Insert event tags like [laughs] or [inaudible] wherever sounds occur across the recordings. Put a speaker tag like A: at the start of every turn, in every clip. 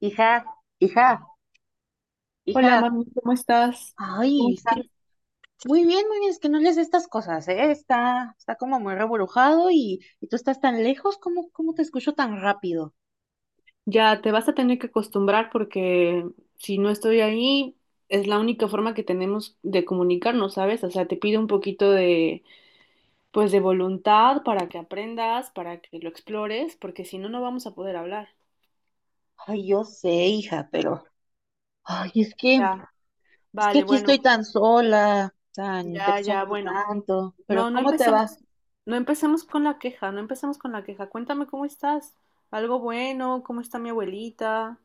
A: Hija, hija,
B: Hola,
A: hija.
B: mami, ¿cómo estás? ¿Cómo
A: Ay, es que
B: estás?
A: muy bien, es que no lees estas cosas, ¿eh? Está como muy reburujado y tú estás tan lejos, ¿cómo te escucho tan rápido?
B: Ya te vas a tener que acostumbrar porque si no estoy ahí, es la única forma que tenemos de comunicarnos, ¿sabes? O sea, te pido un poquito de, pues, de voluntad para que aprendas, para que lo explores, porque si no, no vamos a poder hablar.
A: Ay, yo sé, hija, pero ay, es que,
B: Ya,
A: es que
B: vale,
A: aquí estoy
B: bueno,
A: tan sola, te
B: ya, ya,
A: extraño
B: bueno.
A: tanto, pero
B: No, no
A: ¿cómo te
B: empecemos,
A: vas?
B: no empecemos con la queja, no empecemos con la queja. Cuéntame cómo estás. ¿Algo bueno? ¿Cómo está mi abuelita?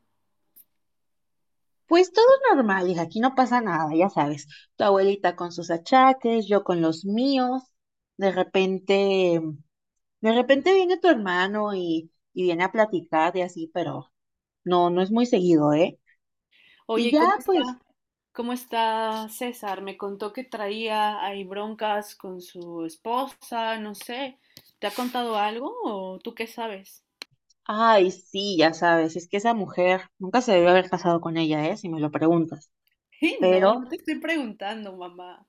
A: Pues todo normal, hija, aquí no pasa nada, ya sabes. Tu abuelita con sus achaques, yo con los míos. De repente. De repente viene tu hermano y viene a platicar y así, pero no, no es muy seguido, ¿eh? Y
B: Oye, ¿y
A: ya,
B: ¿cómo está?
A: pues,
B: ¿Cómo está César? Me contó que traía ahí broncas con su esposa, no sé. ¿Te ha contado algo o tú qué sabes? [laughs]
A: ay, sí, ya sabes, es que esa mujer nunca se debió haber casado con ella, ¿eh? Si me lo preguntas.
B: No, no
A: Pero,
B: te estoy preguntando, mamá.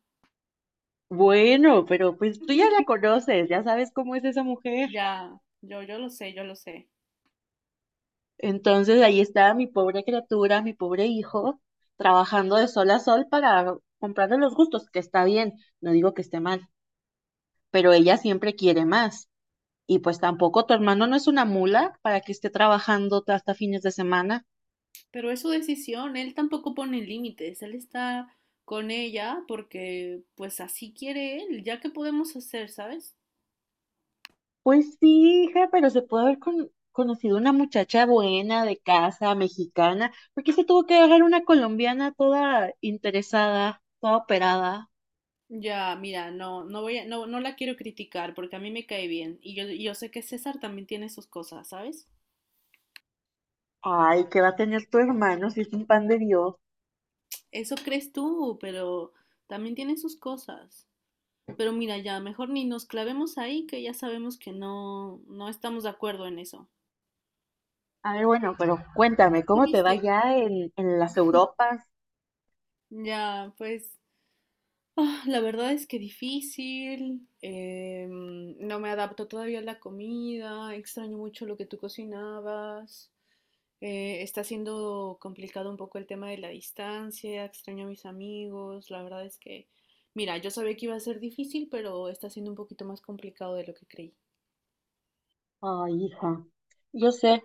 A: bueno, pero pues tú ya la
B: [laughs]
A: conoces, ya sabes cómo es esa mujer.
B: Ya, yo lo sé, yo lo sé.
A: Entonces ahí está mi pobre criatura, mi pobre hijo, trabajando de sol a sol para comprarle los gustos, que está bien, no digo que esté mal, pero ella siempre quiere más. Y pues tampoco tu hermano no es una mula para que esté trabajando hasta fines de semana.
B: Pero es su decisión, él tampoco pone límites, él está con ella porque pues así quiere él, ya que podemos hacer, ¿sabes?
A: Pues sí, hija, pero se puede haber conocido una muchacha buena de casa, mexicana, porque se tuvo que dejar una colombiana toda interesada, toda operada.
B: Ya, mira, no, no voy a, no, no la quiero criticar porque a mí me cae bien y yo sé que César también tiene sus cosas, ¿sabes?
A: Ay, ¿qué va a tener tu hermano si es un pan de Dios?
B: Eso crees tú, pero también tiene sus cosas. Pero mira, ya mejor ni nos clavemos ahí, que ya sabemos que no, no estamos de acuerdo en eso.
A: A ver, bueno, pero cuéntame,
B: ¿Tú
A: ¿cómo te va
B: viste?
A: ya en las Europas?
B: Ya, pues, ah, la verdad es que difícil. No me adapto todavía a la comida. Extraño mucho lo que tú cocinabas. Está siendo complicado un poco el tema de la distancia, extraño a mis amigos, la verdad es que, mira, yo sabía que iba a ser difícil, pero está siendo un poquito más complicado de lo que creí.
A: Ay, hija, yo sé,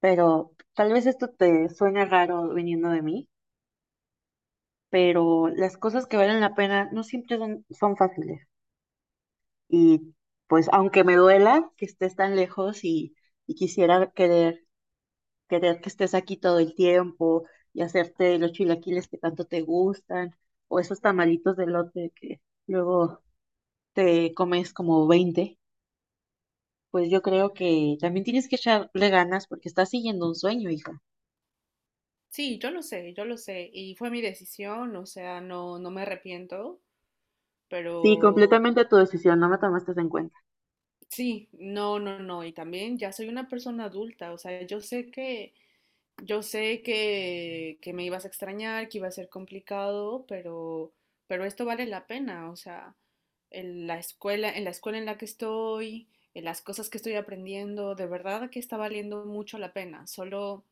A: pero tal vez esto te suene raro viniendo de mí. Pero las cosas que valen la pena no siempre son fáciles. Y pues aunque me duela que estés tan lejos y quisiera querer que estés aquí todo el tiempo y hacerte los chilaquiles que tanto te gustan o esos tamalitos de lote que luego te comes como 20, pues yo creo que también tienes que echarle ganas porque estás siguiendo un sueño, hija.
B: Sí, yo lo sé, y fue mi decisión, o sea, no, no me arrepiento,
A: Sí,
B: pero
A: completamente tu decisión, no me tomaste en cuenta.
B: sí, no, no, no, y también ya soy una persona adulta, o sea, yo sé que yo sé que me ibas a extrañar, que iba a ser complicado, pero esto vale la pena. O sea, en la escuela, en la escuela en la que estoy, en las cosas que estoy aprendiendo, de verdad que está valiendo mucho la pena. Solo,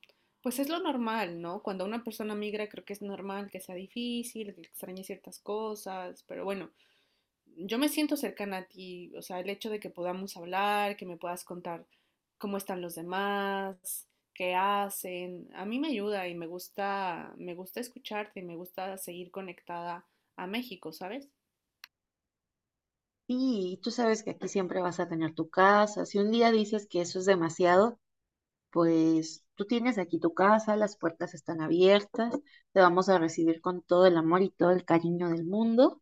B: pues es lo normal, ¿no? Cuando una persona migra, creo que es normal que sea difícil, que extrañe ciertas cosas, pero bueno, yo me siento cercana a ti, o sea, el hecho de que podamos hablar, que me puedas contar cómo están los demás, qué hacen, a mí me ayuda y me gusta escucharte y me gusta seguir conectada a México, ¿sabes?
A: Sí, y tú sabes que aquí siempre vas a tener tu casa. Si un día dices que eso es demasiado, pues tú tienes aquí tu casa, las puertas están abiertas, te vamos a recibir con todo el amor y todo el cariño del mundo,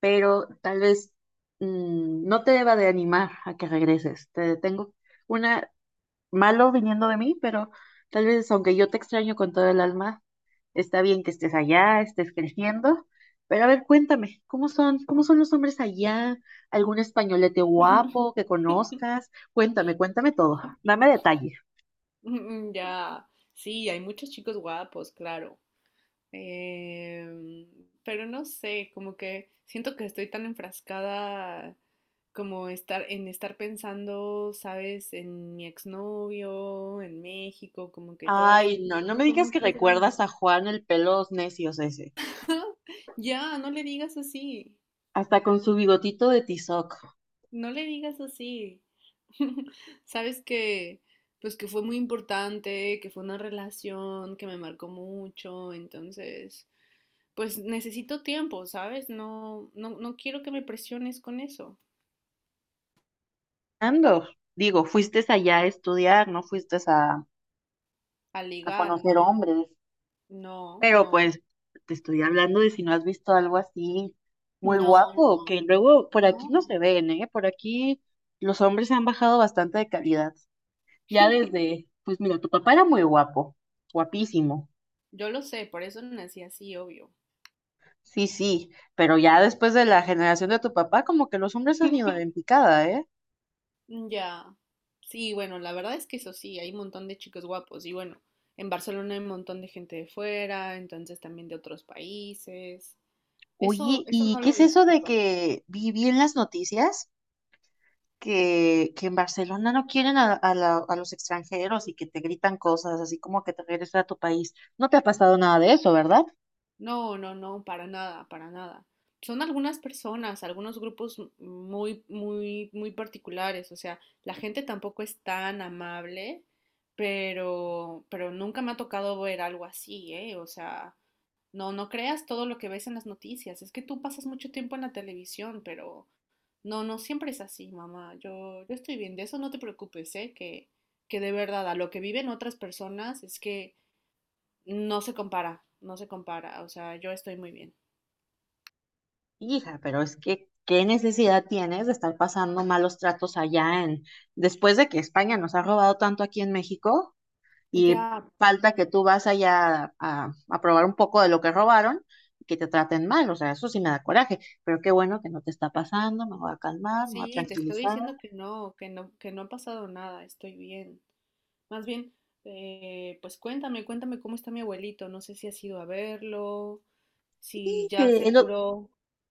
A: pero tal vez no te deba de animar a que regreses. Te tengo una malo viniendo de mí, pero tal vez aunque yo te extraño con todo el alma, está bien que estés allá, estés creciendo. Pero a ver, cuéntame, ¿cómo son los hombres allá? ¿Algún españolete guapo
B: [laughs]
A: que conozcas? Cuéntame, cuéntame todo. Dame detalle.
B: Ya, sí, hay muchos chicos guapos, claro. Em, pero no sé, como que siento que estoy tan enfrascada como estar en estar pensando, ¿sabes? En mi exnovio, en México, como que todavía no
A: Ay,
B: me
A: no, no me
B: siento con
A: digas que
B: muchas ganas.
A: recuerdas a Juan el pelos necios ese,
B: [laughs] Ya, no le digas así,
A: hasta con su bigotito de tizoc.
B: no le digas así. [laughs] Sabes que, pues que fue muy importante, que fue una relación que me marcó mucho, entonces pues necesito tiempo, ¿sabes? No, no, no quiero que me presiones con eso.
A: Ando, digo, fuiste allá a estudiar, no fuiste
B: A
A: a
B: ligar, no,
A: conocer hombres.
B: no,
A: Pero
B: no,
A: pues te estoy hablando de si no has visto algo así muy
B: no, no,
A: guapo, que luego por
B: no.
A: aquí no se ven, ¿eh? Por aquí los hombres se han bajado bastante de calidad. Ya desde, pues mira, tu papá era muy guapo, guapísimo.
B: Yo lo sé, por eso nací así, obvio.
A: Sí, sí, pero ya después de la generación de tu papá, como que los hombres han ido
B: [laughs]
A: en picada, ¿eh?
B: Ya. Sí, bueno, la verdad es que eso sí, hay un montón de chicos guapos. Y bueno, en Barcelona hay un montón de gente de fuera, entonces también de otros países. Eso,
A: Oye,
B: eso
A: ¿y
B: no
A: qué
B: lo
A: es eso de
B: discuto.
A: que viví en las noticias? Que en Barcelona no quieren a, a los extranjeros y que te gritan cosas así como que te regreses a tu país. No te ha pasado nada de eso, ¿verdad?
B: No, no, no, para nada, para nada. Son algunas personas, algunos grupos muy, muy, muy particulares. O sea, la gente tampoco es tan amable, pero nunca me ha tocado ver algo así, ¿eh? O sea, no, no creas todo lo que ves en las noticias. Es que tú pasas mucho tiempo en la televisión, pero no, no siempre es así, mamá. Yo estoy bien, de eso no te preocupes, ¿eh? Que de verdad, a lo que viven otras personas es que no se compara, no se compara, o sea, yo estoy muy bien.
A: Hija, pero es que, ¿qué necesidad tienes de estar pasando malos tratos allá después de que España nos ha robado tanto aquí en México y
B: Ya,
A: falta que tú vas allá a probar un poco de lo que robaron y que te traten mal? O sea, eso sí me da coraje, pero qué bueno que no te está pasando, me voy a calmar, me voy a
B: sí, te estoy
A: tranquilizar.
B: diciendo que no, que no, que no ha pasado nada, estoy bien. Más bien, pues cuéntame, cuéntame cómo está mi abuelito, no sé si has ido a verlo, si
A: Y
B: ya
A: te-
B: se
A: el o-
B: curó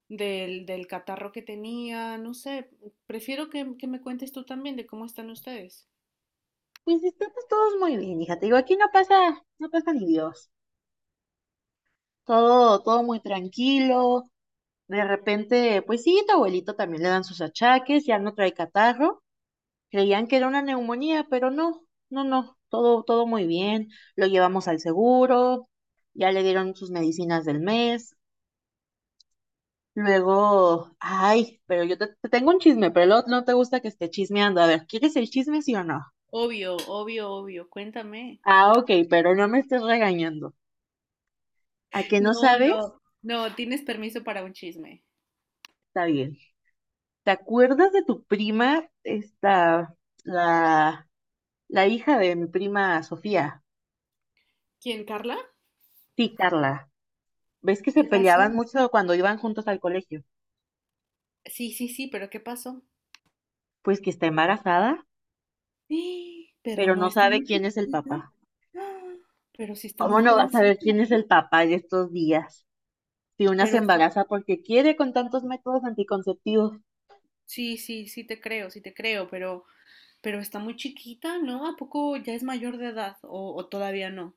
B: del catarro que tenía, no sé, prefiero que me cuentes tú también de cómo están ustedes.
A: Pues estamos todos muy bien, hija. Te digo, aquí no pasa ni Dios. Todo muy tranquilo. De repente, pues sí, tu abuelito también le dan sus achaques, ya no trae catarro. Creían que era una neumonía, pero no, no, no. Todo muy bien. Lo llevamos al seguro, ya le dieron sus medicinas del mes. Luego, ay, pero yo te tengo un chisme, pero luego no te gusta que esté chismeando. A ver, ¿quieres el chisme, sí o no?
B: Obvio, obvio, obvio, cuéntame.
A: Ah, ok, pero no me estés regañando. ¿A que no
B: No,
A: sabes?
B: no, no, tienes permiso para un chisme.
A: Está bien. ¿Te acuerdas de tu prima, esta, la, la hija de mi prima Sofía?
B: ¿Quién, Carla?
A: Sí, Carla. ¿Ves que se
B: ¿Qué pasó?
A: peleaban mucho cuando iban juntos al colegio?
B: Sí, sí, sí, pero ¿qué pasó?
A: Pues que está embarazada,
B: ¡Ah! Pero
A: pero
B: no
A: no
B: está
A: sabe
B: muy
A: quién es el
B: chiquita.
A: papá.
B: ¡Ah! Pero sí está muy
A: ¿Cómo no va a saber
B: jovencita,
A: quién es el
B: ¿no?
A: papá en estos días? Si una
B: Pero
A: se
B: está,
A: embaraza porque quiere con tantos métodos anticonceptivos,
B: sí, sí, sí te creo, pero está muy chiquita, ¿no? ¿A poco ya es mayor de edad o todavía no?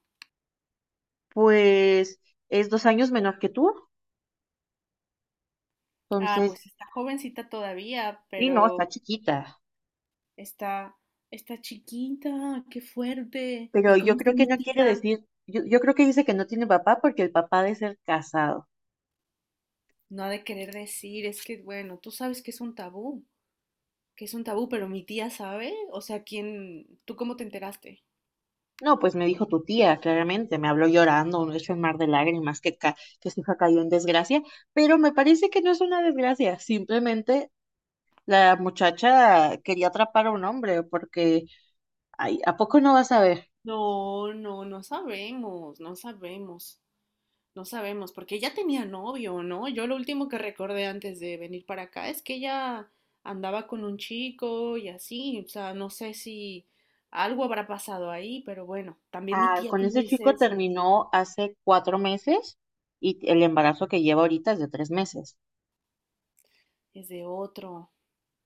A: pues es 2 años menor que tú.
B: Ah,
A: Entonces,
B: pues está jovencita todavía,
A: sí, no, está
B: pero
A: chiquita.
B: está, está chiquita, qué fuerte.
A: Pero
B: ¿Y cómo
A: yo
B: está
A: creo que
B: mi
A: no quiere
B: tía?
A: decir, yo creo que dice que no tiene papá porque el papá ha de ser casado.
B: No ha de querer decir, es que, bueno, tú sabes que es un tabú. Que es un tabú, pero mi tía sabe, o sea, ¿quién, tú cómo te enteraste?
A: No, pues me dijo tu tía, claramente, me habló llorando, un hecho en mar de lágrimas, que su hija cayó en desgracia, pero me parece que no es una desgracia, simplemente la muchacha quería atrapar a un hombre, porque, ay, ¿a poco no vas a ver?
B: No, no, no sabemos, no sabemos, no sabemos, porque ella tenía novio, ¿no? Yo lo último que recordé antes de venir para acá es que ella andaba con un chico y así, o sea, no sé si algo habrá pasado ahí, pero bueno, también mi
A: Ah,
B: tía,
A: con
B: ¿cómo
A: ese
B: dice
A: chico
B: eso?
A: terminó hace 4 meses y el embarazo que lleva ahorita es de 3 meses,
B: Es de otro.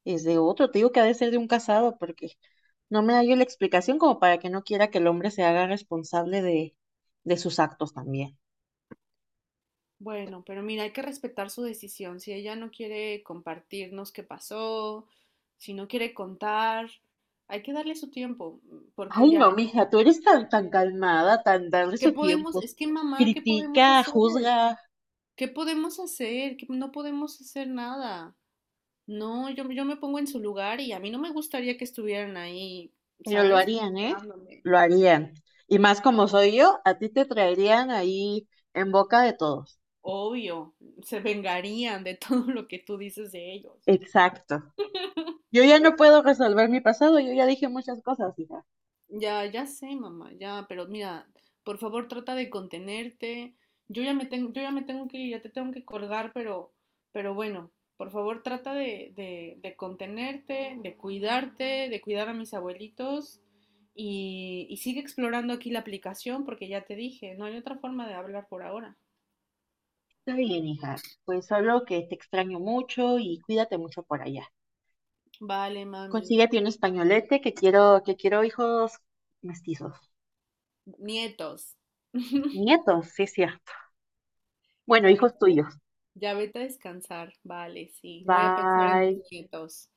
A: es de otro, te digo que ha de ser de un casado, porque no me da yo la explicación como para que no quiera que el hombre se haga responsable de sus actos también.
B: Bueno, pero mira, hay que respetar su decisión. Si ella no quiere compartirnos qué pasó, si no quiere contar, hay que darle su tiempo, porque
A: Ay,
B: ya,
A: no,
B: ya,
A: mija, tú eres tan calmada, tan darle
B: ¿qué
A: su
B: podemos?
A: tiempo.
B: Es que mamá, ¿qué podemos
A: Critica,
B: hacer?
A: juzga,
B: ¿Qué podemos hacer? Que no podemos hacer nada. No, yo me pongo en su lugar y a mí no me gustaría que estuvieran ahí,
A: pero lo
B: ¿sabes?
A: harían, ¿eh?
B: Juzgándome.
A: Lo harían. Y más como soy yo, a ti te traerían ahí en boca de todos.
B: Obvio, se vengarían de [laughs] todo lo que tú dices de ellos.
A: Exacto. Yo ya no puedo resolver mi pasado, yo ya dije muchas cosas, hija.
B: Ya, ya sé, mamá, ya, pero mira, por favor trata de contenerte. Yo ya me tengo que ir, ya te tengo que colgar, pero bueno, por favor trata de, de contenerte, de cuidarte, de cuidar a mis abuelitos y sigue explorando aquí la aplicación porque ya te dije, no hay otra forma de hablar por ahora.
A: Está bien, hija. Pues solo que te extraño mucho y cuídate mucho por allá.
B: Vale, mami.
A: Consíguete un españolete que quiero hijos mestizos.
B: Nietos. [laughs]
A: Nietos, sí es cierto. Bueno,
B: ¿Ya
A: hijos
B: viste?
A: tuyos.
B: Ya vete a descansar. Vale, sí. Voy a pensar en los
A: Bye.
B: nietos.